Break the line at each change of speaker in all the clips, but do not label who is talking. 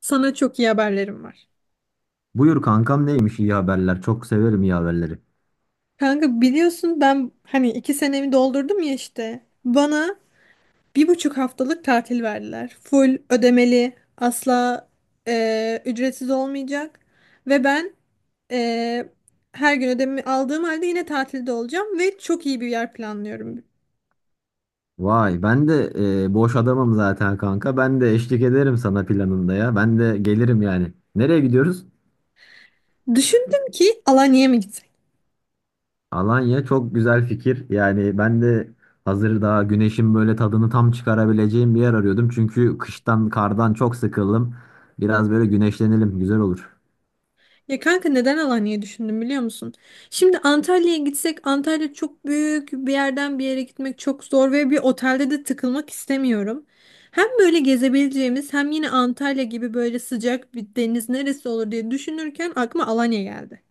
Sana çok iyi haberlerim var.
Buyur kankam, neymiş iyi haberler? Çok severim iyi haberleri.
Kanka biliyorsun ben hani iki senemi doldurdum ya işte. Bana bir buçuk haftalık tatil verdiler. Full ödemeli, asla ücretsiz olmayacak. Ve ben e, her gün ödemi aldığım halde yine tatilde olacağım ve çok iyi bir yer planlıyorum.
Vay ben de boş adamım zaten kanka. Ben de eşlik ederim sana planında ya. Ben de gelirim yani. Nereye gidiyoruz?
Düşündüm ki Alanya'ya mı gitsek?
Alanya çok güzel fikir. Yani ben de hazır daha güneşin böyle tadını tam çıkarabileceğim bir yer arıyordum. Çünkü kıştan kardan çok sıkıldım. Biraz böyle güneşlenelim, güzel olur.
Ya kanka neden Alanya'yı düşündüm biliyor musun? Şimdi Antalya'ya gitsek Antalya çok büyük, bir yerden bir yere gitmek çok zor ve bir otelde de tıkılmak istemiyorum. Hem böyle gezebileceğimiz hem yine Antalya gibi böyle sıcak bir deniz neresi olur diye düşünürken aklıma Alanya geldi.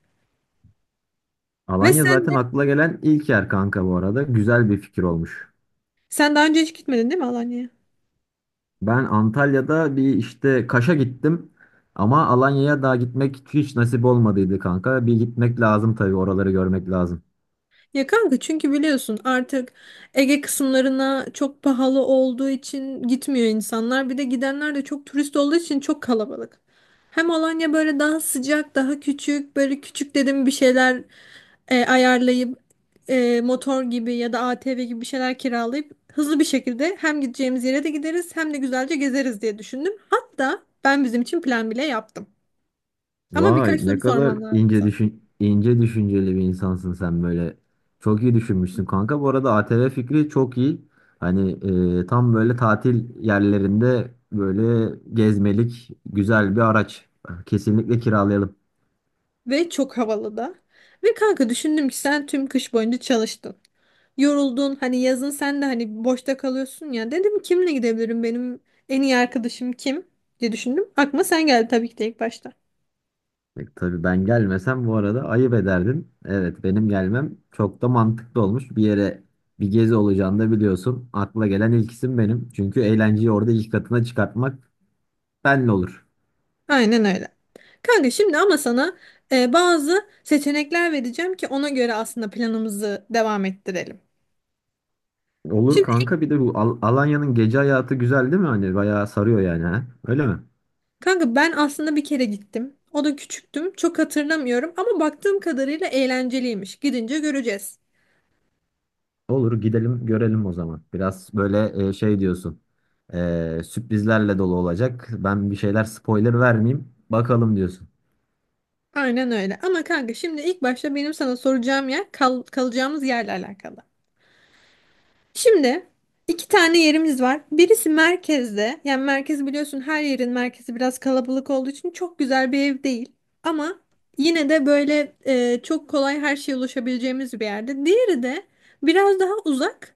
Ve
Alanya
sen
zaten
de
akla gelen ilk yer kanka bu arada. Güzel bir fikir olmuş.
sen daha önce hiç gitmedin değil mi Alanya'ya?
Ben Antalya'da bir işte Kaş'a gittim. Ama Alanya'ya daha gitmek hiç nasip olmadıydı kanka. Bir gitmek lazım tabii, oraları görmek lazım.
Ya kanka çünkü biliyorsun artık Ege kısımlarına çok pahalı olduğu için gitmiyor insanlar. Bir de gidenler de çok turist olduğu için çok kalabalık. Hem Alanya böyle daha sıcak, daha küçük, böyle küçük dedim, bir şeyler ayarlayıp motor gibi ya da ATV gibi bir şeyler kiralayıp hızlı bir şekilde hem gideceğimiz yere de gideriz hem de güzelce gezeriz diye düşündüm. Hatta ben bizim için plan bile yaptım. Ama birkaç
Vay,
soru
ne kadar
sormam lazım sana.
ince düşünceli bir insansın sen böyle. Çok iyi düşünmüşsün kanka. Bu arada ATV fikri çok iyi. Hani tam böyle tatil yerlerinde böyle gezmelik güzel bir araç. Kesinlikle kiralayalım.
Ve çok havalı da. Ve kanka düşündüm ki sen tüm kış boyunca çalıştın. Yoruldun, hani yazın sen de hani boşta kalıyorsun ya. Dedim kimle gidebilirim, benim en iyi arkadaşım kim diye düşündüm. Aklıma sen geldi tabii ki de ilk başta.
Tabii ben gelmesem bu arada ayıp ederdin. Evet, benim gelmem çok da mantıklı olmuş. Bir yere bir gezi olacağını da biliyorsun. Akla gelen ilk isim benim. Çünkü eğlenceyi orada ilk katına çıkartmak benle olur.
Aynen öyle. Kanka şimdi ama sana bazı seçenekler vereceğim ki ona göre aslında planımızı devam ettirelim.
Olur
Şimdi
kanka, bir de bu Alanya'nın gece hayatı güzel değil mi? Hani bayağı sarıyor yani ha? Öyle mi?
kanka ben aslında bir kere gittim. O da küçüktüm. Çok hatırlamıyorum ama baktığım kadarıyla eğlenceliymiş. Gidince göreceğiz.
Olur, gidelim görelim o zaman. Biraz böyle şey diyorsun. Sürprizlerle dolu olacak. Ben bir şeyler spoiler vermeyeyim, bakalım diyorsun.
Aynen öyle. Ama kanka şimdi ilk başta benim sana soracağım yer kalacağımız yerle alakalı. Şimdi iki tane yerimiz var. Birisi merkezde. Yani merkez, biliyorsun her yerin merkezi biraz kalabalık olduğu için çok güzel bir ev değil. Ama yine de böyle çok kolay her şeye ulaşabileceğimiz bir yerde. Diğeri de biraz daha uzak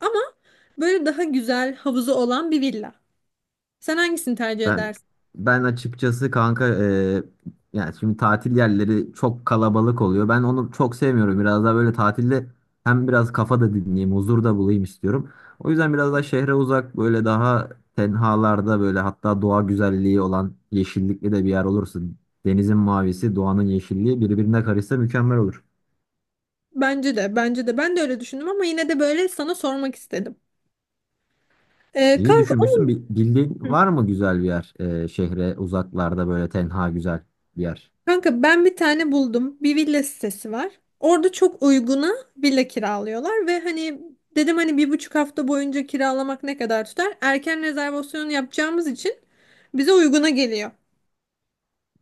ama böyle daha güzel, havuzu olan bir villa. Sen hangisini tercih
Ben
edersin?
ben açıkçası kanka, yani şimdi tatil yerleri çok kalabalık oluyor. Ben onu çok sevmiyorum. Biraz daha böyle tatilde hem biraz kafa da dinleyeyim, huzur da bulayım istiyorum. O yüzden biraz daha şehre uzak, böyle daha tenhalarda, böyle hatta doğa güzelliği olan yeşillikli de bir yer olursa, denizin mavisi, doğanın yeşilliği birbirine karışsa mükemmel olur.
Bence de, bence de. Ben de öyle düşündüm ama yine de böyle sana sormak istedim. E,
İyi
kanka
düşünmüşsün. Bir,
onun...
bildiğin var mı güzel bir yer, şehre uzaklarda böyle tenha güzel bir yer?
Kanka ben bir tane buldum. Bir villa sitesi var. Orada çok uyguna villa kiralıyorlar ve hani dedim hani bir buçuk hafta boyunca kiralamak ne kadar tutar? Erken rezervasyonu yapacağımız için bize uyguna geliyor.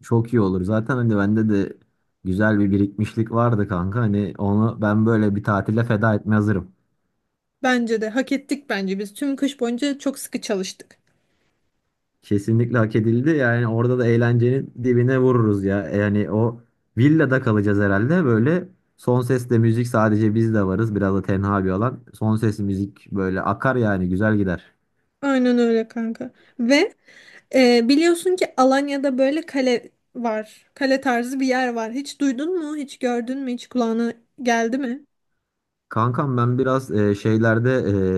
Çok iyi olur. Zaten hani bende de güzel bir birikmişlik vardı kanka. Hani onu ben böyle bir tatile feda etmeye hazırım.
Bence de hak ettik bence biz. Tüm kış boyunca çok sıkı çalıştık.
Kesinlikle hak edildi. Yani orada da eğlencenin dibine vururuz ya. Yani o villada kalacağız herhalde. Böyle son sesle müzik, sadece biz de varız. Biraz da tenha bir alan. Son ses müzik böyle akar yani, güzel gider.
Aynen öyle kanka. Ve biliyorsun ki Alanya'da böyle kale var. Kale tarzı bir yer var. Hiç duydun mu? Hiç gördün mü? Hiç kulağına geldi mi?
Kankam ben biraz şeylerde,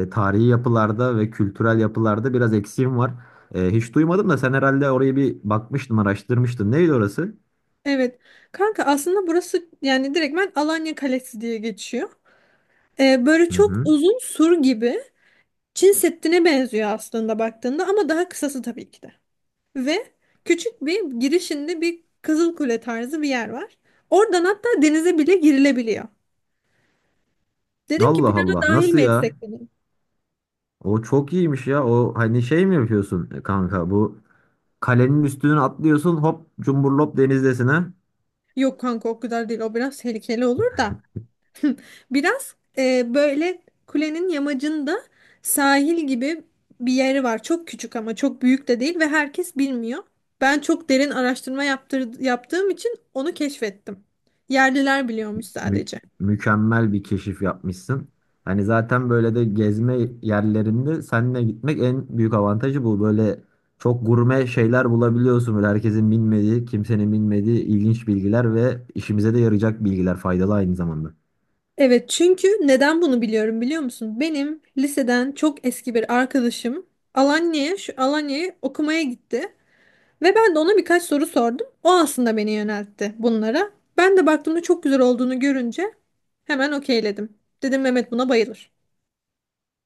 tarihi yapılarda ve kültürel yapılarda biraz eksiğim var. Hiç duymadım da sen herhalde orayı bir bakmıştın, araştırmıştın. Neydi orası?
Evet. Kanka aslında burası yani direktmen Alanya Kalesi diye geçiyor. Böyle
Hı
çok
hı.
uzun sur gibi, Çin Seddi'ne benziyor aslında baktığında ama daha kısası tabii ki de. Ve küçük bir girişinde bir Kızıl Kule tarzı bir yer var. Oradan hatta denize bile girilebiliyor. Dedim ki
Allah
plana
Allah,
dahil
nasıl
mi
ya?
etsek dedim.
O çok iyiymiş ya. O hani şey mi yapıyorsun kanka? Bu kalenin üstüne atlıyorsun, hop cumburlop denizdesine.
Yok kanka o kadar değil, o biraz tehlikeli olur da. Biraz böyle kulenin yamacında sahil gibi bir yeri var. Çok küçük ama çok büyük de değil ve herkes bilmiyor. Ben çok derin araştırma yaptığım için onu keşfettim. Yerliler biliyormuş
Mü-
sadece.
mükemmel bir keşif yapmışsın. Hani zaten böyle de gezme yerlerinde seninle gitmek en büyük avantajı bu. Böyle çok gurme şeyler bulabiliyorsun. Böyle herkesin bilmediği, kimsenin bilmediği ilginç bilgiler ve işimize de yarayacak bilgiler, faydalı aynı zamanda.
Evet, çünkü neden bunu biliyorum biliyor musun? Benim liseden çok eski bir arkadaşım Alanya'ya, şu Alanya'ya okumaya gitti. Ve ben de ona birkaç soru sordum. O aslında beni yöneltti bunlara. Ben de baktığımda çok güzel olduğunu görünce hemen okeyledim. Dedim Mehmet buna bayılır.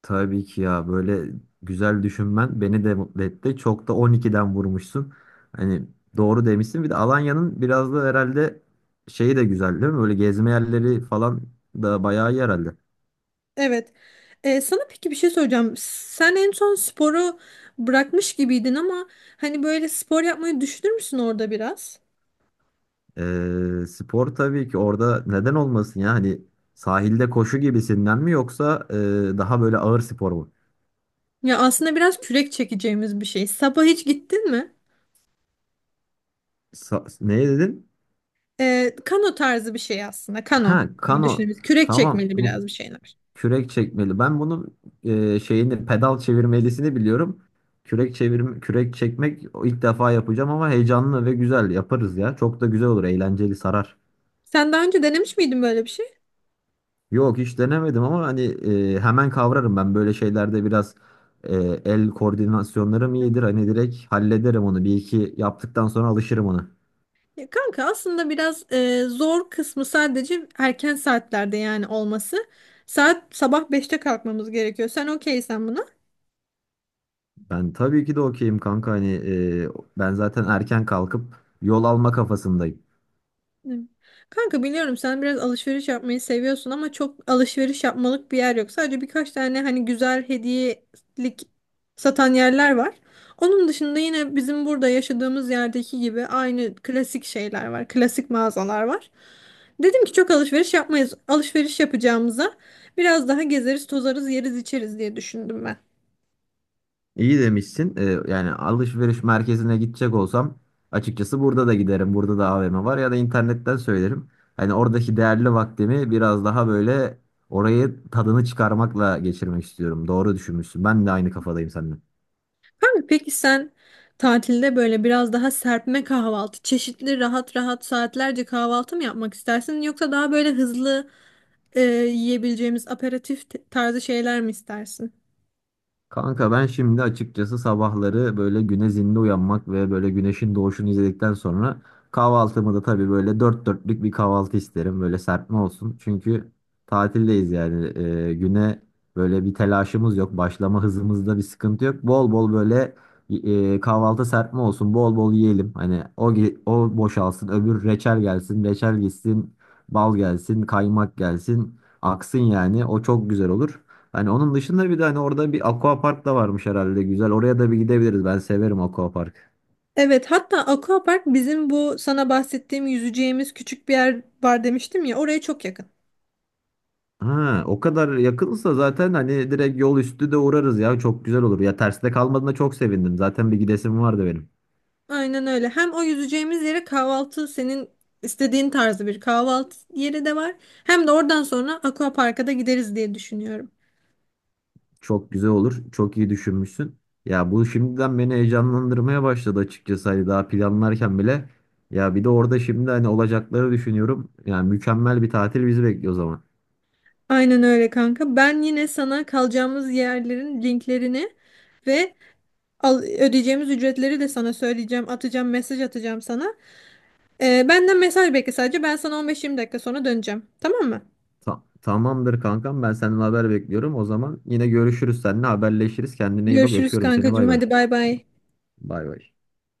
Tabii ki ya, böyle güzel düşünmen beni de mutlu etti. Çok da 12'den vurmuşsun. Hani doğru demişsin. Bir de Alanya'nın biraz da herhalde şeyi de güzel değil mi? Böyle gezme yerleri falan da bayağı iyi herhalde.
Evet. Sana peki bir şey soracağım. Sen en son sporu bırakmış gibiydin ama hani böyle spor yapmayı düşünür müsün orada biraz?
Spor tabii ki orada, neden olmasın ya? Hani sahilde koşu gibisinden mi, yoksa daha böyle ağır spor mu?
Ya aslında biraz kürek çekeceğimiz bir şey. Sabah hiç gittin mi?
Ne dedin?
Kano tarzı bir şey aslında. Kano
Ha,
gibi
kano.
düşünebiliriz. Kürek
Tamam.
çekmeli
Bu
biraz bir şeyler.
kürek çekmeli. Ben bunun şeyini, pedal çevirmelisini biliyorum. Kürek çekmek o ilk defa yapacağım ama heyecanlı ve güzel yaparız ya. Çok da güzel olur, eğlenceli sarar.
Sen daha önce denemiş miydin böyle bir şey?
Yok, hiç denemedim ama hani hemen kavrarım ben böyle şeylerde. Biraz e, el koordinasyonlarım
Hı.
iyidir. Hani direkt hallederim onu. Bir iki yaptıktan sonra alışırım ona.
Ya kanka aslında biraz zor kısmı sadece erken saatlerde yani olması. Saat sabah beşte kalkmamız gerekiyor. Sen okeysen buna.
Ben tabii ki de okeyim kanka, hani e, ben zaten erken kalkıp yol alma kafasındayım.
Evet. Kanka biliyorum sen biraz alışveriş yapmayı seviyorsun ama çok alışveriş yapmalık bir yer yok. Sadece birkaç tane hani güzel hediyelik satan yerler var. Onun dışında yine bizim burada yaşadığımız yerdeki gibi aynı klasik şeyler var. Klasik mağazalar var. Dedim ki çok alışveriş yapmayız. Alışveriş yapacağımıza biraz daha gezeriz, tozarız, yeriz, içeriz diye düşündüm ben.
İyi demişsin. Yani alışveriş merkezine gidecek olsam açıkçası burada da giderim. Burada da AVM var, ya da internetten söylerim. Hani oradaki değerli vaktimi biraz daha böyle orayı tadını çıkarmakla geçirmek istiyorum. Doğru düşünmüşsün. Ben de aynı kafadayım seninle.
Abi peki sen tatilde böyle biraz daha serpme kahvaltı, çeşitli rahat rahat saatlerce kahvaltı mı yapmak istersin yoksa daha böyle hızlı e, yiyebileceğimiz aperatif tarzı şeyler mi istersin?
Kanka ben şimdi açıkçası sabahları böyle güne zinde uyanmak ve böyle güneşin doğuşunu izledikten sonra kahvaltımı da tabii böyle dört dörtlük bir kahvaltı isterim. Böyle serpme olsun. Çünkü tatildeyiz yani. Güne böyle bir telaşımız yok. Başlama hızımızda bir sıkıntı yok. Bol bol böyle kahvaltı serpme olsun. Bol bol yiyelim. Hani o boşalsın, öbür reçel gelsin, reçel gitsin, bal gelsin, kaymak gelsin, aksın yani. O çok güzel olur. Hani onun dışında bir de hani orada bir aquapark da varmış herhalde, güzel. Oraya da bir gidebiliriz. Ben severim aquapark.
Evet, hatta Aquapark, bizim bu sana bahsettiğim yüzeceğimiz küçük bir yer var demiştim ya, oraya çok yakın.
Ha, o kadar yakınsa zaten hani direkt yol üstü de uğrarız ya. Çok güzel olur. Ya terste kalmadığına çok sevindim. Zaten bir gidesim vardı benim.
Aynen öyle. Hem o yüzeceğimiz yere kahvaltı, senin istediğin tarzı bir kahvaltı yeri de var. Hem de oradan sonra Aquapark'a da gideriz diye düşünüyorum.
Çok güzel olur. Çok iyi düşünmüşsün. Ya bu şimdiden beni heyecanlandırmaya başladı açıkçası. Hani daha planlarken bile. Ya bir de orada şimdi hani olacakları düşünüyorum. Yani mükemmel bir tatil bizi bekliyor o zaman.
Aynen öyle kanka. Ben yine sana kalacağımız yerlerin linklerini ve ödeyeceğimiz ücretleri de sana söyleyeceğim. Atacağım, mesaj atacağım sana. Benden mesaj bekle sadece. Ben sana 15-20 dakika sonra döneceğim. Tamam mı?
Tamamdır kankam, ben senden haber bekliyorum. O zaman yine görüşürüz, seninle haberleşiriz. Kendine iyi bak,
Görüşürüz
öpüyorum seni,
kankacığım.
bay bay.
Hadi bay bay.
Bay bay.